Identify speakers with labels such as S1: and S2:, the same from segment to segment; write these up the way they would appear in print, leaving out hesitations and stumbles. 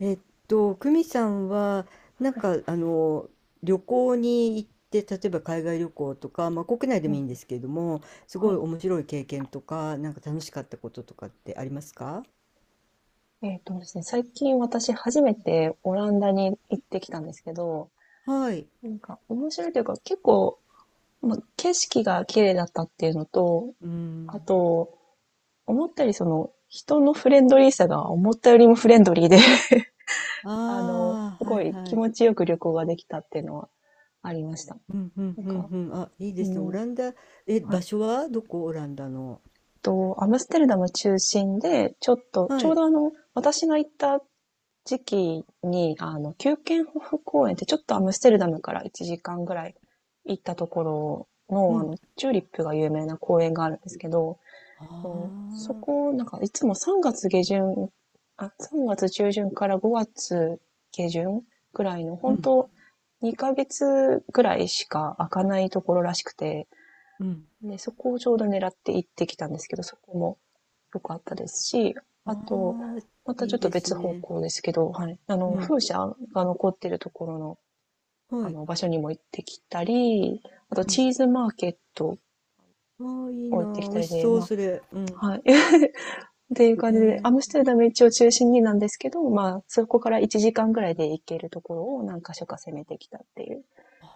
S1: えっ久美さんは、なんか、あの、旅行に行って、例えば海外旅行とか、まあ、国内で
S2: う
S1: もい
S2: ん、
S1: いんですけれども、す
S2: は
S1: ごい
S2: い。
S1: 面白い経験とか、なんか楽しかったこととかってありますか？
S2: えっとですね、最近私初めてオランダに行ってきたんですけど、
S1: はい。
S2: なんか面白いというか結構、景色が綺麗だったっていうのと、
S1: う
S2: あ
S1: ん。
S2: と、思ったよりその人のフレンドリーさが思ったよりもフレンドリーで
S1: あ
S2: す
S1: あ、は
S2: ご
S1: い
S2: い
S1: は
S2: 気
S1: い。
S2: 持ちよく旅行ができたっていうのはありました。
S1: うんうん
S2: なん
S1: うん
S2: か、
S1: うん。あ、いいで
S2: う
S1: すね。オ
S2: ん、
S1: ランダ、
S2: は
S1: 場
S2: い。
S1: 所はどこオランダの？
S2: アムステルダム中心で、ちょっと、
S1: は
S2: ちょう
S1: い。
S2: ど私が行った時期に、キューケンホフ公園ってちょっとアムステルダムから1時間ぐらい行ったところ
S1: う
S2: の、
S1: ん。
S2: チューリップが有名な公園があるんですけど、
S1: あ
S2: うんそ
S1: あ、
S2: こ、なんかいつも3月下旬、あ、3月中旬から5月下旬ぐらいの、
S1: う
S2: 本
S1: ん
S2: 当2ヶ月ぐらいしか開かないところらしくて、
S1: うん。
S2: で、そこをちょうど狙って行ってきたんですけど、そこもぽかったですし、
S1: あ
S2: あと、
S1: あ、
S2: また
S1: い
S2: ちょ
S1: い
S2: っと
S1: です
S2: 別方
S1: ね。
S2: 向ですけど、はい。
S1: うん。
S2: 風車が残ってるところの、
S1: はい。
S2: 場所にも行ってきたり、あと、
S1: うん。
S2: チーズマーケットを
S1: ああ、いい
S2: 行
S1: な
S2: ってき
S1: あ。美
S2: た
S1: 味
S2: り
S1: し
S2: で、
S1: そう、
S2: ま
S1: それ。うん。
S2: あ、はい。っていう感じで、アムス
S1: へ
S2: テルダム一応中心になんですけど、まあ、そこから1時間ぐらいで行けるところを何箇所か攻めてきたっていう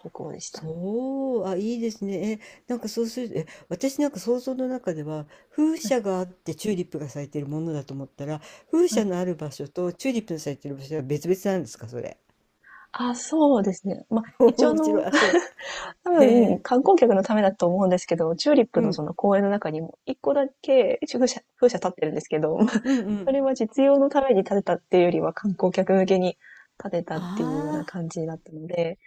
S2: 旅行でした。
S1: そう。あ、いいですね。なんかそうする、私なんか想像の中では、風
S2: は
S1: 車
S2: い。
S1: があってチューリップが咲いてるものだと思ったら、風
S2: は
S1: 車
S2: い、
S1: のある場所とチューリップの咲いてる場所は別々なんですか、それ？
S2: あ、そうですね。まあ、一応
S1: 面白い。あ、そう。
S2: 多
S1: へ
S2: 分、
S1: え。
S2: 観光客のためだと思うんですけど、チューリップ
S1: う
S2: のそ
S1: ん。
S2: の公園の中にも、一個だけ風車立ってるんですけど、
S1: うんう
S2: それ
S1: ん。
S2: は実用のために建てたっていうよりは観光客向けに建てたっていうような
S1: ああ、
S2: 感じだったので、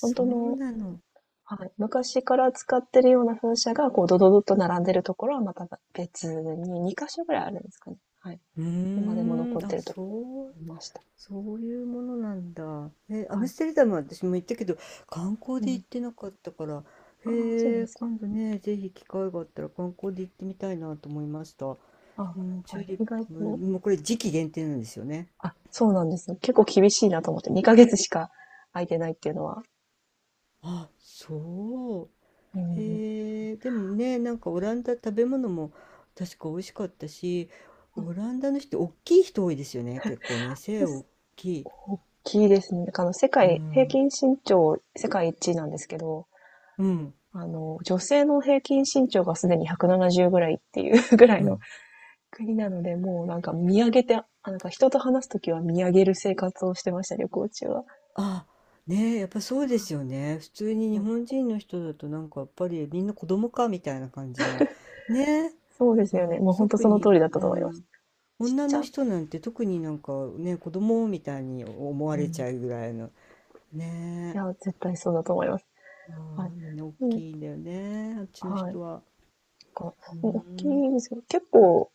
S2: 本当
S1: う
S2: の、
S1: なの。
S2: はい、昔から使ってるような風車が、こう、ドドドッと並んでるところはまた別に2箇所ぐらいあるんですかね。はい。
S1: うー
S2: 今でも残っ
S1: ん。
S2: て
S1: あ、
S2: るところが
S1: そ
S2: あ
S1: う。
S2: りました。
S1: そういうものなんだ。ア
S2: は
S1: ム
S2: い。
S1: ステルダムは私も行ったけど、観光
S2: う
S1: で行
S2: ん。
S1: ってなかったから、
S2: ああ、そうな
S1: へ
S2: んで
S1: え、
S2: すか。
S1: 今度ね、ぜひ機会があったら観光で行ってみたいなと思いました。
S2: あ
S1: うん、チ
S2: は
S1: ュ
S2: い。
S1: ーリッ
S2: 意外
S1: プ、
S2: と
S1: もうこれ時期限定なんですよね。
S2: あ、そうなんですよ。結構厳しいなと思って、2ヶ月しか空いてないっていうのは。
S1: あ、そ
S2: う
S1: う。
S2: ん。
S1: へえ、でもね、なんかオランダ食べ物も確か美味しかったし、オランダの人、大きい人多いですよね、結構ね、背
S2: です
S1: 大きい。
S2: ですね。なんか世
S1: う
S2: 界、平
S1: ん。
S2: 均身長、世界一位なんですけど、
S1: うん。
S2: 女性の平均身長がすでに170ぐらいっていう ぐらい
S1: う
S2: の
S1: ん。
S2: 国なので、もうなんか見上げて、あなんか人と話すときは見上げる生活をしてましたね、旅行中は。
S1: あ、ねえ、やっぱそうですよね。普通に
S2: う
S1: 日
S2: ん
S1: 本人の人だとなんかやっぱりみんな子供かみたいな感じの。ねえ、
S2: そうです
S1: う
S2: よね。
S1: ん、
S2: もう本当
S1: 特
S2: その
S1: に、
S2: 通りだった
S1: う
S2: と思います。
S1: ん、
S2: ちっ
S1: 女
S2: ち
S1: の
S2: ゃ。
S1: 人なんて特になんかね、子供みたいに思わ
S2: う
S1: れ
S2: ん。
S1: ち
S2: い
S1: ゃうぐらいの。ね
S2: や、
S1: え、
S2: 絶対そうだと思います。
S1: う
S2: はい。
S1: ん、みんな大
S2: うん、
S1: きいんだよね、あっちの
S2: はい。なん
S1: 人は。
S2: か
S1: う
S2: 大き
S1: ん、
S2: いですよ。結構、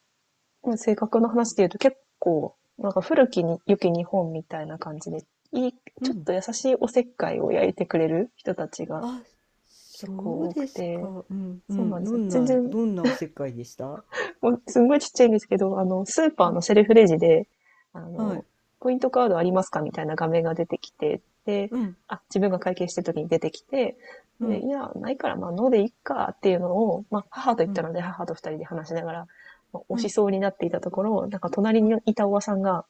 S2: もう性格の話で言うと結構、なんか古きに良き日本みたいな感じで、いい、
S1: う
S2: ちょっ
S1: ん。
S2: と優しいおせっかいを焼いてくれる人たちが
S1: あ、
S2: 結
S1: そう
S2: 構多
S1: で
S2: く
S1: す
S2: て、
S1: か。うん、う
S2: そう
S1: ん。
S2: なんで
S1: ど
S2: すよ。
S1: ん
S2: 全
S1: な、
S2: 然
S1: どんなおせっかいでした？
S2: もうすんごいちっちゃいんですけど、スーパ
S1: う
S2: ー
S1: ん、
S2: のセルフレジで、あ
S1: はい。
S2: の、ポイントカードありますかみたいな画面が出てきて、で、
S1: うん、
S2: あ、自分が会計してる時に出てきて、
S1: う
S2: で、い
S1: ん、
S2: や、ないから、まあ、のでいっかっていうのを、まあ、母と言っ
S1: う
S2: た
S1: ん、
S2: ので、母と二人で話しながら、まあ
S1: う
S2: 押し
S1: ん、
S2: そうになっていたところ、なんか隣
S1: うん、
S2: にいたおばさんが、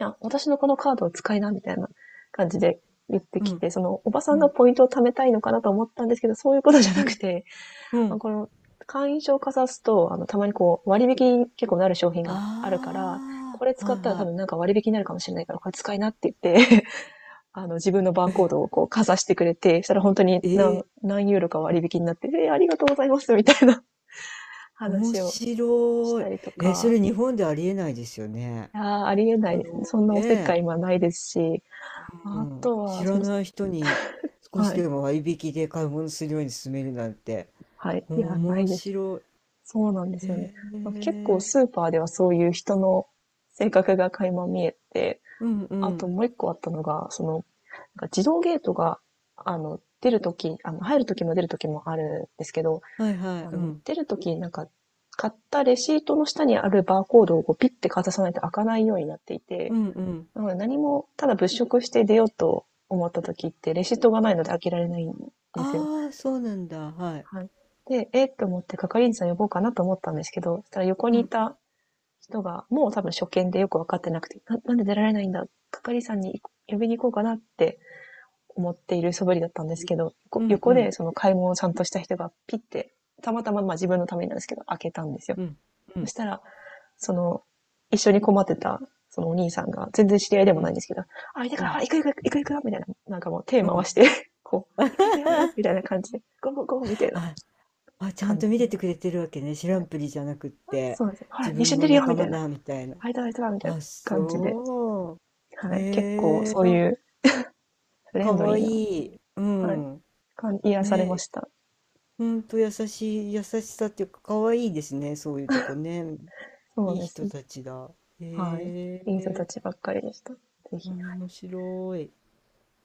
S2: いや、私のこのカードを使いな、みたいな感じで言って
S1: う
S2: き
S1: ん。
S2: て、おばさ
S1: う
S2: んが
S1: ん
S2: ポイントを貯めたいのかなと思ったんですけど、そういうことじゃ
S1: う
S2: なく
S1: ん、
S2: て、
S1: う
S2: まあ
S1: ん。
S2: この会員証をかざすと、たまにこう、割引に結構なる商品があるから、
S1: あ
S2: これ
S1: あ、
S2: 使
S1: はい
S2: ったら多
S1: は
S2: 分なんか割引になるかもしれないから、これ使いなって言って、自分のバ
S1: い。
S2: ーコー ドをこう、かざしてくれて、したら本当に
S1: え、
S2: 何、
S1: え
S2: 何ユーロか割引になって、えーありがとうございます、みたいな
S1: ー、面
S2: 話をし
S1: 白
S2: た
S1: い。
S2: りと
S1: そ
S2: か、
S1: れ日本でありえないですよね。
S2: いやーありえな
S1: 人
S2: いですね。
S1: の
S2: そんなおせっか
S1: ね、
S2: い今ないですし、
S1: う
S2: あ
S1: ん、
S2: と
S1: 知
S2: は、
S1: らない人に少し
S2: はい、
S1: でも割引で買い物するように勧めるなんて、
S2: はい、いや、な
S1: 面
S2: いです。
S1: 白
S2: そうなんで
S1: い。へ
S2: すよね。結構
S1: え、
S2: スーパーではそういう人の性格が垣間見えて、
S1: うんう
S2: あと
S1: ん。
S2: もう一個あったのが、なんか自動ゲートが、出るとき、入るときも出るときもあるんですけど、
S1: はいはい、うん。
S2: 出るとき、なんか、買ったレシートの下にあるバーコードをこうピッてかざさないと開かないようになっていて、
S1: うんうん。
S2: なので何も、ただ物色して出ようと思ったときって、レシートがないので開けられないんですよ。
S1: ああ、そうなんだ。はい。
S2: はい。で、えー、と思って係員さん呼ぼうかなと思ったんですけど、そしたら横
S1: う
S2: にい
S1: ん、
S2: た人が、もう多分初見でよくわかってなくて、なんで出られないんだ係員さんに呼びに行こうかなって思っている素振りだったんですけど、
S1: うんう
S2: 横で
S1: ん、
S2: その買い物をちゃんとした人がピッて、たまたままあ自分のためになんですけど、開けたんですよ。
S1: うん、う
S2: そし
S1: ん、
S2: たら、その、一緒に困ってた、そのお兄さんが、全然知り合いで
S1: う
S2: もないん
S1: ん、
S2: ですけど、あ、いた
S1: う
S2: から、あ
S1: ん、
S2: 行く行く行く行くよみたいな、なんかもう手
S1: う
S2: 回
S1: ん。
S2: して、こう、行く行くよみたいな みたいな感じで、ゴーゴーゴーみたいな
S1: ああ、ちゃん
S2: 感
S1: と
S2: じ
S1: 見て
S2: で、
S1: てくれてるわけね。知ら
S2: は
S1: ん
S2: い。
S1: ぷりじゃなくって、
S2: そうなんですよ。ほら、
S1: 自
S2: 一緒
S1: 分
S2: に
S1: も
S2: 出るよ
S1: 仲
S2: みた
S1: 間
S2: いな。
S1: だみたいな。
S2: あいたらいたらみたいな
S1: あ、
S2: 感じで、
S1: そう。
S2: はい。結構
S1: へえ、
S2: そう
S1: なん
S2: い
S1: か
S2: うフレ
S1: か
S2: ンドリ
S1: わ
S2: ー
S1: い
S2: な、
S1: い。う
S2: はい。
S1: ん。
S2: 感癒されま
S1: ね、
S2: した。
S1: ほんと優しい、優しさっていうか、かわいいですね。そういうとこね。
S2: そうな
S1: い
S2: ん
S1: い
S2: です
S1: 人
S2: よ。
S1: たちだ。
S2: はい。
S1: へ
S2: いい人た
S1: え、
S2: ちばっかりでした。ぜひ、はい。
S1: 面白い。へ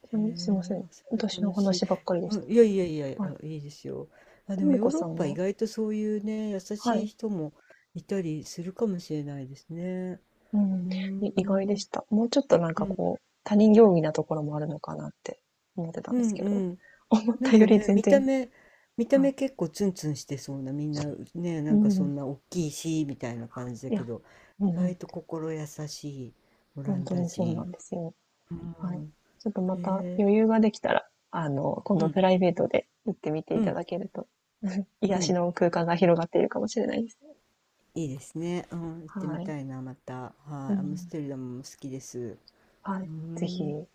S2: ちなみにすいません。
S1: え、それは
S2: 私の
S1: 楽しい。
S2: 話ばっかりでし
S1: う
S2: た
S1: ん、いや
S2: け
S1: いやいや、
S2: ど。はい。
S1: うん、いいですよ。あ、
S2: と
S1: でも
S2: も
S1: ヨ
S2: こ
S1: ーロッ
S2: さん
S1: パ意
S2: は
S1: 外とそういうね、優
S2: は
S1: しい
S2: い。
S1: 人もいたりするかもしれないですね。
S2: うん。
S1: うー
S2: 意外でし
S1: ん、
S2: た。もうちょっとなん
S1: う
S2: か
S1: ん、
S2: こう、他人行儀なところもあるのかなって思ってたん
S1: う
S2: です
S1: ん、
S2: け
S1: う
S2: ど、
S1: ん。
S2: 思っ
S1: な
S2: た
S1: ん
S2: よ
S1: か
S2: り
S1: ね、
S2: 全
S1: 見た
S2: 然、
S1: 目、見た
S2: はい。
S1: 目結構ツンツンしてそうな、みんなね、な
S2: う
S1: ん
S2: ん
S1: か
S2: う
S1: そ
S2: ん。
S1: んな大きいし、みたいな感じだ
S2: い
S1: け
S2: や、
S1: ど、
S2: う
S1: 意
S2: んうん。
S1: 外と心優しいオラ
S2: 本
S1: ン
S2: 当
S1: ダ
S2: にそうな
S1: 人。
S2: んですよ。
S1: う
S2: はい。
S1: ん、
S2: ちょっとま
S1: へ
S2: た
S1: え、
S2: 余裕ができたら、今
S1: う
S2: 度
S1: ん、
S2: プライベートで行ってみて
S1: う
S2: いた
S1: ん、
S2: だけると、
S1: う
S2: 癒し
S1: ん。
S2: の空間が広がっているかもしれないです。
S1: いいですね。うん、行ってみ
S2: はい。
S1: たいな、また。
S2: う
S1: はい、アムス
S2: ん、
S1: テルダムも好きです。
S2: は
S1: うー
S2: い、ぜひ。
S1: ん。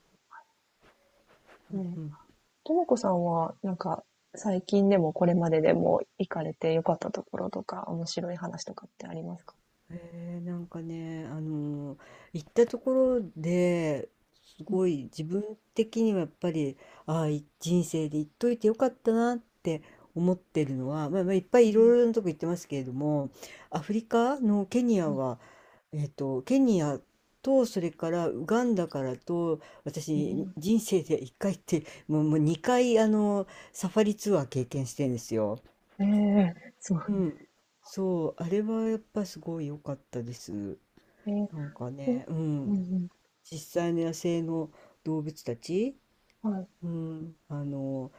S2: う
S1: う
S2: ん。
S1: ん。
S2: ともこさんは、なんか、最近でもこれまででも行かれて良かったところとか、面白い話とかってありますか？
S1: なんかね、行ったところです
S2: うん、
S1: ごい自分的にはやっぱり、人生で行っといてよかったなって思ってるのは、まあ、まあいっぱ
S2: う
S1: いいろ
S2: ん、
S1: いろなとこ行ってますけれども、アフリカのケニア
S2: はい、
S1: はケニアと、それからウガンダからと、
S2: う
S1: 私、
S2: ん。
S1: 人生で1回って、もう2回、あの、サファリツアー経験してるんですよ。
S2: ええそ
S1: う
S2: う
S1: ん。そう、あれはやっぱすごい良かったです。
S2: ええ
S1: なんか
S2: うん、
S1: ね、う
S2: う
S1: ん。
S2: ん、
S1: 実際の野生の動物たち、
S2: うん、はい。
S1: うん、あの、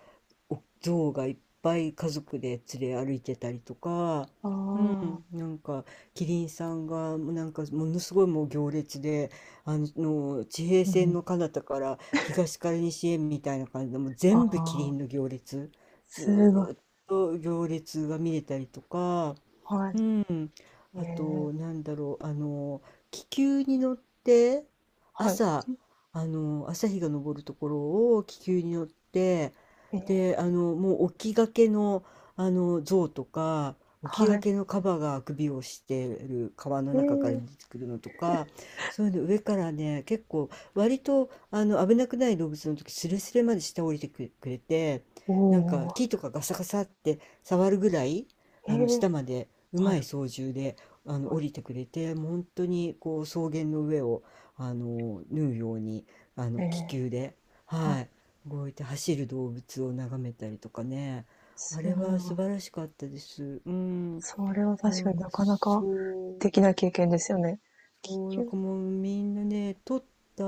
S1: お象がいっぱい家族で連れ歩いてたりとか、
S2: あ
S1: う
S2: あ、
S1: ん、なんかキリンさんがもうなんかものすごいもう行列であの地平
S2: うんう
S1: 線
S2: ん、
S1: の彼方から東から西へみたいな感じでもう
S2: あ
S1: 全部キリ
S2: あ、
S1: ンの行列ず
S2: すごい。
S1: ーっと行列が見れたりとか、
S2: はい。
S1: うん、あ
S2: え
S1: と、
S2: え
S1: なんだろう、あの、気球に乗って、
S2: はい。
S1: 朝、あの、朝日が昇るところを気球に乗って、
S2: ええ
S1: で、あの、もう起きがけの、あの、象とか、起
S2: は
S1: きが
S2: い。
S1: けのカバが首をしてる川の中から出
S2: ええ
S1: てくるのとか、そういうの上からね、結構、割と、あの、危なくない動物の時、スレスレまで下降りてくくれて、
S2: お
S1: なんか
S2: お、
S1: 木とかガサガサって触るぐらい、あの下
S2: ええ
S1: までう
S2: は
S1: まい
S2: い、
S1: 操縦であの
S2: は
S1: 降
S2: い、
S1: りてくれて、もう本当にこう草原の上をあの縫うようにあの
S2: え
S1: 気
S2: え
S1: 球で、
S2: は
S1: は
S2: い、
S1: い、動いて走る動物を眺めたりとかね。
S2: す
S1: あれは
S2: ご
S1: 素
S2: い。
S1: 晴らしかったです。うん、
S2: それは
S1: な
S2: 確
S1: ん
S2: かに
S1: か
S2: なかなか
S1: そう
S2: 的な経験ですよね。気
S1: そう、なん
S2: 球
S1: かもうみんなね撮った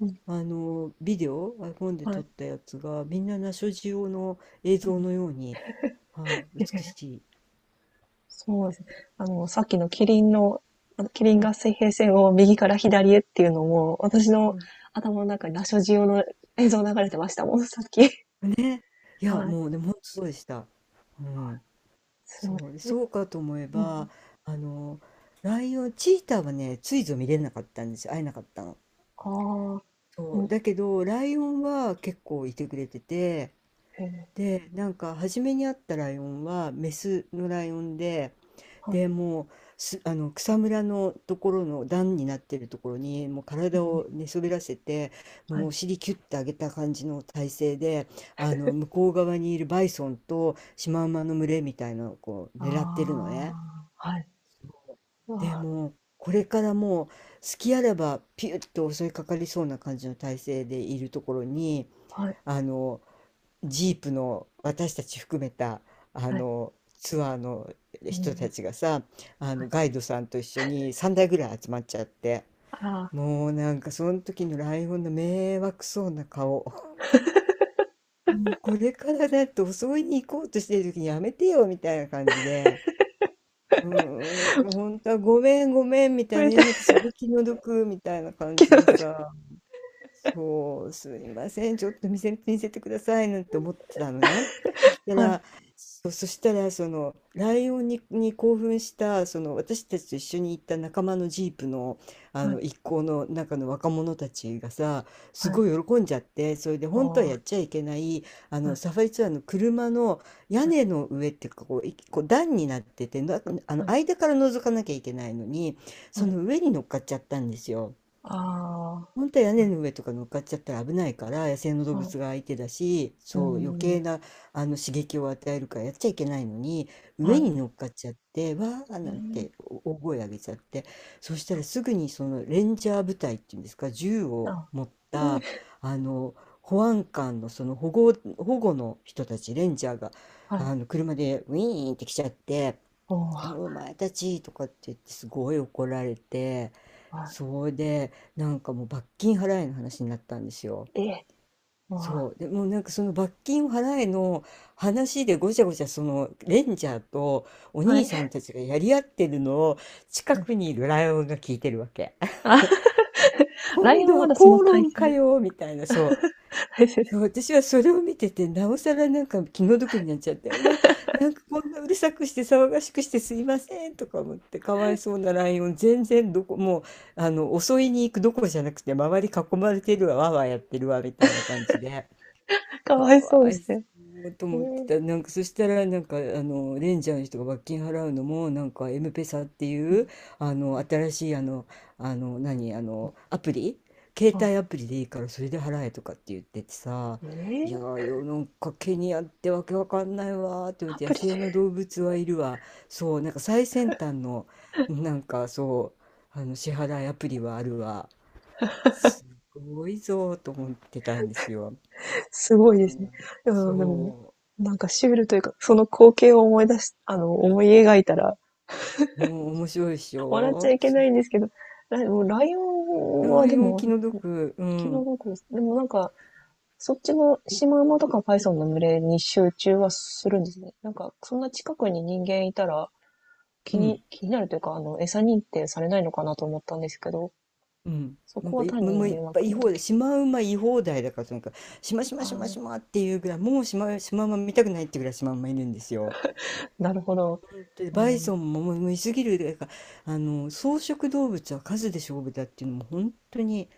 S2: うん、
S1: あのビデオ iPhone で
S2: は
S1: 撮っ
S2: い。
S1: たやつがみんなナショジオの映像のように、は
S2: え
S1: い、美
S2: え、
S1: しい。
S2: そうですね。さっきのキリンの、キリ
S1: う
S2: ン
S1: ん
S2: が水平線を右から左へっていうのも、私の
S1: うん、
S2: 頭の中にラショジオの映像流れてましたもん、さっき。
S1: ね、いや、
S2: はい。
S1: もうでもほとそうでした。うん。
S2: す
S1: そ
S2: ごい。
S1: う、
S2: え、
S1: そうかと思え
S2: う
S1: ば、
S2: ん。
S1: あの、ライオンチーターはね、ついぞ見れなかったんですよ。会えなかったの。
S2: ああ、う
S1: そう、
S2: ん、
S1: だけど、ライオンは結構いてくれてて、
S2: ええ、
S1: で、なんか初めに会ったライオンはメスのライオンで、
S2: はい、
S1: で、もう、すあの、草むらのところの段になってるところに、もう
S2: う
S1: 体
S2: ん、
S1: を寝そべらせて、も
S2: は
S1: うお
S2: い。
S1: 尻キュッて上げた感じの体勢で、あの、向こう側にいるバイソンとシマウマの群れみたいなのをこう狙ってるの
S2: あ
S1: ね。
S2: あ、はい。
S1: で、
S2: ああ、
S1: もう、これからもう、隙あらばピュッと襲いかかりそうな感じの体勢でいるところに、
S2: はい、
S1: あの、ジープの私たち含めたあ
S2: はい、
S1: のツアーの
S2: う
S1: 人た
S2: ん、
S1: ちがさ、あ
S2: は
S1: の
S2: い。
S1: ガイドさんと一緒に3台ぐらい集まっちゃって、
S2: あら、
S1: もうなんかその時のライオンの迷惑そうな顔も、うこれからだって襲いに行こうとしてる時にやめてよみたいな感じで。うん、なんか本当はごめんごめんみ
S2: こ
S1: たいな、
S2: れ
S1: い
S2: で、
S1: やなんかすごい気の毒みたいな感
S2: け
S1: じ
S2: ど、
S1: でさ、そう、すいません、ちょっと見せてくださいなんて思ってたのね。そした
S2: はい、
S1: ら、そしたら、その、ライオンに興奮した、その、私たちと一緒に行った仲間のジープの、あ
S2: は
S1: の、
S2: い、
S1: 一行の中の若者たちがさ、す
S2: はい。
S1: ごい喜んじゃって、それで、
S2: ああ、
S1: 本当はやっ
S2: は
S1: ちゃいけない、あ
S2: い、
S1: の、サファリツアーの車の屋
S2: はい、
S1: 根の上っていうか、こう段になってて、あ
S2: は
S1: の、
S2: い、
S1: 間から覗かなきゃいけないのに、
S2: は
S1: そ
S2: い。
S1: の上に乗っかっちゃったんですよ。
S2: あ
S1: 本当は屋根の上とか乗っかっちゃったら危ないから、野生の
S2: あ、
S1: 動
S2: はい、
S1: 物が相手だし、
S2: う
S1: そう余
S2: ん、
S1: 計なあの刺激を与えるからやっちゃいけないのに、
S2: は
S1: 上
S2: い。
S1: に乗っかっちゃって、わー
S2: え
S1: なん
S2: ー
S1: てお大声上げちゃって、そした
S2: あ、
S1: らすぐにそのレンジャー部隊っていうんですか、銃を
S2: あ、
S1: 持っ
S2: うん、
S1: たあの保安官のその保護の人たち、レンジャーが
S2: は
S1: あ
S2: い、
S1: の車でウィーンって来ちゃって、
S2: おー
S1: お前たちとかって言ってすごい怒られて、
S2: は
S1: そうでなんかもう罰金払えの話になったんですよ。
S2: い。ええ、お
S1: そうでもうなんかその罰金を払えの話でごちゃごちゃそのレンジャーとお
S2: ーは
S1: 兄
S2: い、
S1: さんたちがやり合ってるのを近
S2: はい。
S1: くにいるライオンが聞いてるわけ。
S2: あ、ラ
S1: 今
S2: イオンは
S1: 度
S2: ま
S1: は
S2: だその
S1: 口
S2: 体
S1: 論
S2: 勢
S1: かよみたいな。そう
S2: 体勢で、
S1: そう、私はそれを見てて、なおさらなんか気の毒になっちゃって、うわ、なんかこんなうるさくして騒がしくしてすいませんとか思って、かわいそうなライオン、全然どこ、もう、襲いに行くどころじゃなくて、周り囲まれてるわ、わーわーやってるわ、みたいな感じで。
S2: か
S1: か
S2: わいそう
S1: わ
S2: で
S1: い
S2: す
S1: そ
S2: ね。
S1: うと
S2: え
S1: 思って
S2: ー
S1: た。なんか、そしたら、レンジャーの人が罰金払うのも、なんか、エムペサって
S2: う
S1: いう、
S2: ん、うん、
S1: 新しい、あの、あの、何、あの、アプリ携
S2: あ、
S1: 帯アプリでいいから、それで払えとかって言っててさ、
S2: え
S1: いやー
S2: ー
S1: よ、なんか、ケニアってわけわかんないわーって思っ
S2: ア
S1: て、野
S2: プリ
S1: 生の
S2: で、
S1: 動物はいるわ。そう、なんか、最先端の、なんか、そ支払いアプリはあるわ。すごいぞーと思ってたんですよ。
S2: すごいで
S1: う
S2: すね。
S1: ん、
S2: いや、でも、
S1: そ
S2: なんかシュールというか、その光景を思い出しあの、思い描いたら、
S1: う。もう面白いでし
S2: 笑っちゃ
S1: ょ、
S2: いけ
S1: そ
S2: な
S1: う。
S2: いんですけど、もうライオンは
S1: ラ
S2: で
S1: イオン
S2: も、
S1: 気
S2: 昨
S1: の毒。う
S2: 日
S1: ん。
S2: どこですでもなんかそっちのシマウマとかパイソンの群れに集中はするんですね。なんか、そんな近くに人間いたら気
S1: う
S2: に、
S1: ん。
S2: 気になるというか、餌認定されないのかなと思ったんですけど、
S1: うん。
S2: そ
S1: なん
S2: こ
S1: か
S2: は
S1: い、
S2: 単
S1: もうも
S2: に
S1: ういっ
S2: 迷
S1: ぱい
S2: 惑
S1: 言い
S2: な
S1: 放
S2: だ
S1: 題。
S2: け。
S1: シマウマ言い放題だから、そのなんか、しましま
S2: あ
S1: しま
S2: あ、
S1: しまっていうぐらい、もうシマ、シマウマ見たくないってぐらいシマウマいるんですよ。
S2: なるほど。
S1: 本当に
S2: う
S1: バイ
S2: ん。
S1: ソンももういすぎるだからいか、草食動物は数で勝負だっていうのも本当に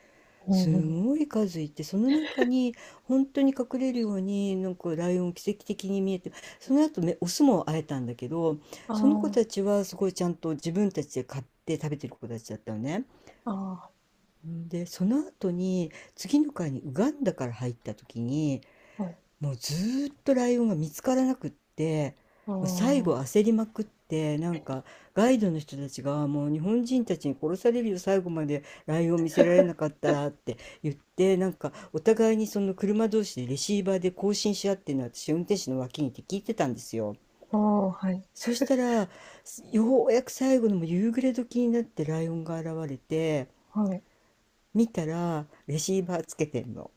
S2: う
S1: す
S2: んうん、
S1: ごい数いて、その中に本当に隠れるように、なんかライオン奇跡的に見えて、その後ねオスも会えたんだけど、
S2: あ
S1: その子たちはすごいちゃんと自分たちで買って食べてる子たちだったのね。
S2: あ、あ
S1: で、その後に次の回にウガンダから入った時に、
S2: あ、はい。
S1: もうずーっとライオンが見つからなくって、
S2: あ
S1: もう最後
S2: あ、
S1: 焦りまくって、なんかガイドの人たちがもう日本人たちに殺されるよ最後までライオン見せられなかったらって言って、なんかお互いにその車同士でレシーバーで交信し合ってるのを私運転手の脇にいて聞いてたんですよ。
S2: ああ、はい、
S1: そしたらようやく最後のもう夕暮れ時になってライオンが現れて、
S2: はい。
S1: 見たらレシーバーつけてんの、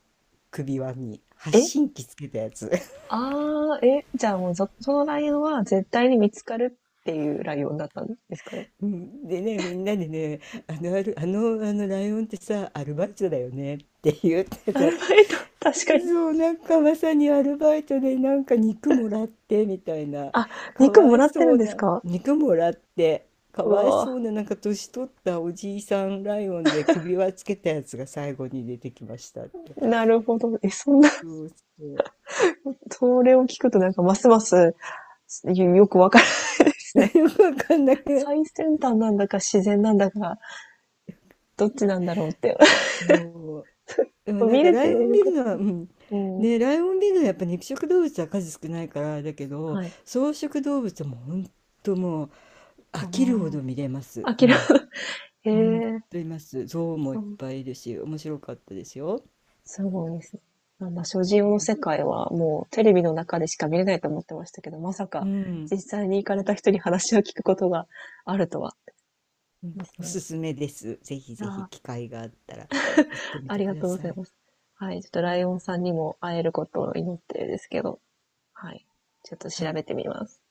S1: 首輪に発
S2: え
S1: 信機つけたやつ。
S2: ああ、え、じゃあもうそのライオンは絶対に見つかるっていうライオンだったんですかね。
S1: うんでね、みんなでね、あの、ある、あの、あのライオンってさ、アルバイトだよねって言って
S2: ア
S1: たっ
S2: ルバ
S1: て。
S2: イト、確か に。
S1: そう、なんかまさにアルバイトでなんか肉もらってみたいな、
S2: あ、
S1: か
S2: 肉
S1: わ
S2: も
S1: い
S2: らってる
S1: そ
S2: ん
S1: う
S2: です
S1: な、
S2: か？
S1: 肉もらって、か
S2: う
S1: わいそ
S2: わ
S1: うな、なんか年取ったおじいさんライオンで首輪つけたやつが最後に出てきましたって。
S2: なるほど。え、そんな、
S1: そうそう。
S2: それを聞くとなんかますますよくわからないで すね。
S1: よくわかんな くない。
S2: 最先端なんだか自然なんだか、どっちなんだろうって。
S1: そう。う んなん
S2: 見
S1: か
S2: れ
S1: ラ
S2: て
S1: イオン
S2: よ
S1: ビ
S2: か
S1: ル
S2: っ
S1: のは、
S2: た。
S1: うん。
S2: うん。
S1: ね、ライオンビルのはやっぱ肉食動物は数少ないからあれだけど、
S2: はい。
S1: 草食動物はもうほんともう飽きるほど見れます。う
S2: 諦
S1: ん。
S2: め、
S1: ほん
S2: へえ、
S1: といます。象もい
S2: そ
S1: っ
S2: う。
S1: ぱいいるし、面白かったですよ。
S2: すごいですね。なんだ、所持用の世界はもうテレビの中でしか見れないと思ってましたけど、まさ
S1: う
S2: か
S1: ん。
S2: 実際に行かれた人に話を聞くことがあるとは。
S1: うん。
S2: です
S1: お
S2: ね。
S1: すすめです。ぜひ
S2: いや
S1: ぜひ機
S2: ー
S1: 会があったら行ってみ
S2: あ
S1: て
S2: り
S1: く
S2: が
S1: だ
S2: とうご
S1: さ
S2: ざい
S1: い。
S2: ます。はい、ちょっと
S1: は
S2: ライオンさん
S1: ーい。
S2: にも会えることを祈ってるんですけど、はい、ちょっと
S1: は
S2: 調
S1: い。
S2: べてみます。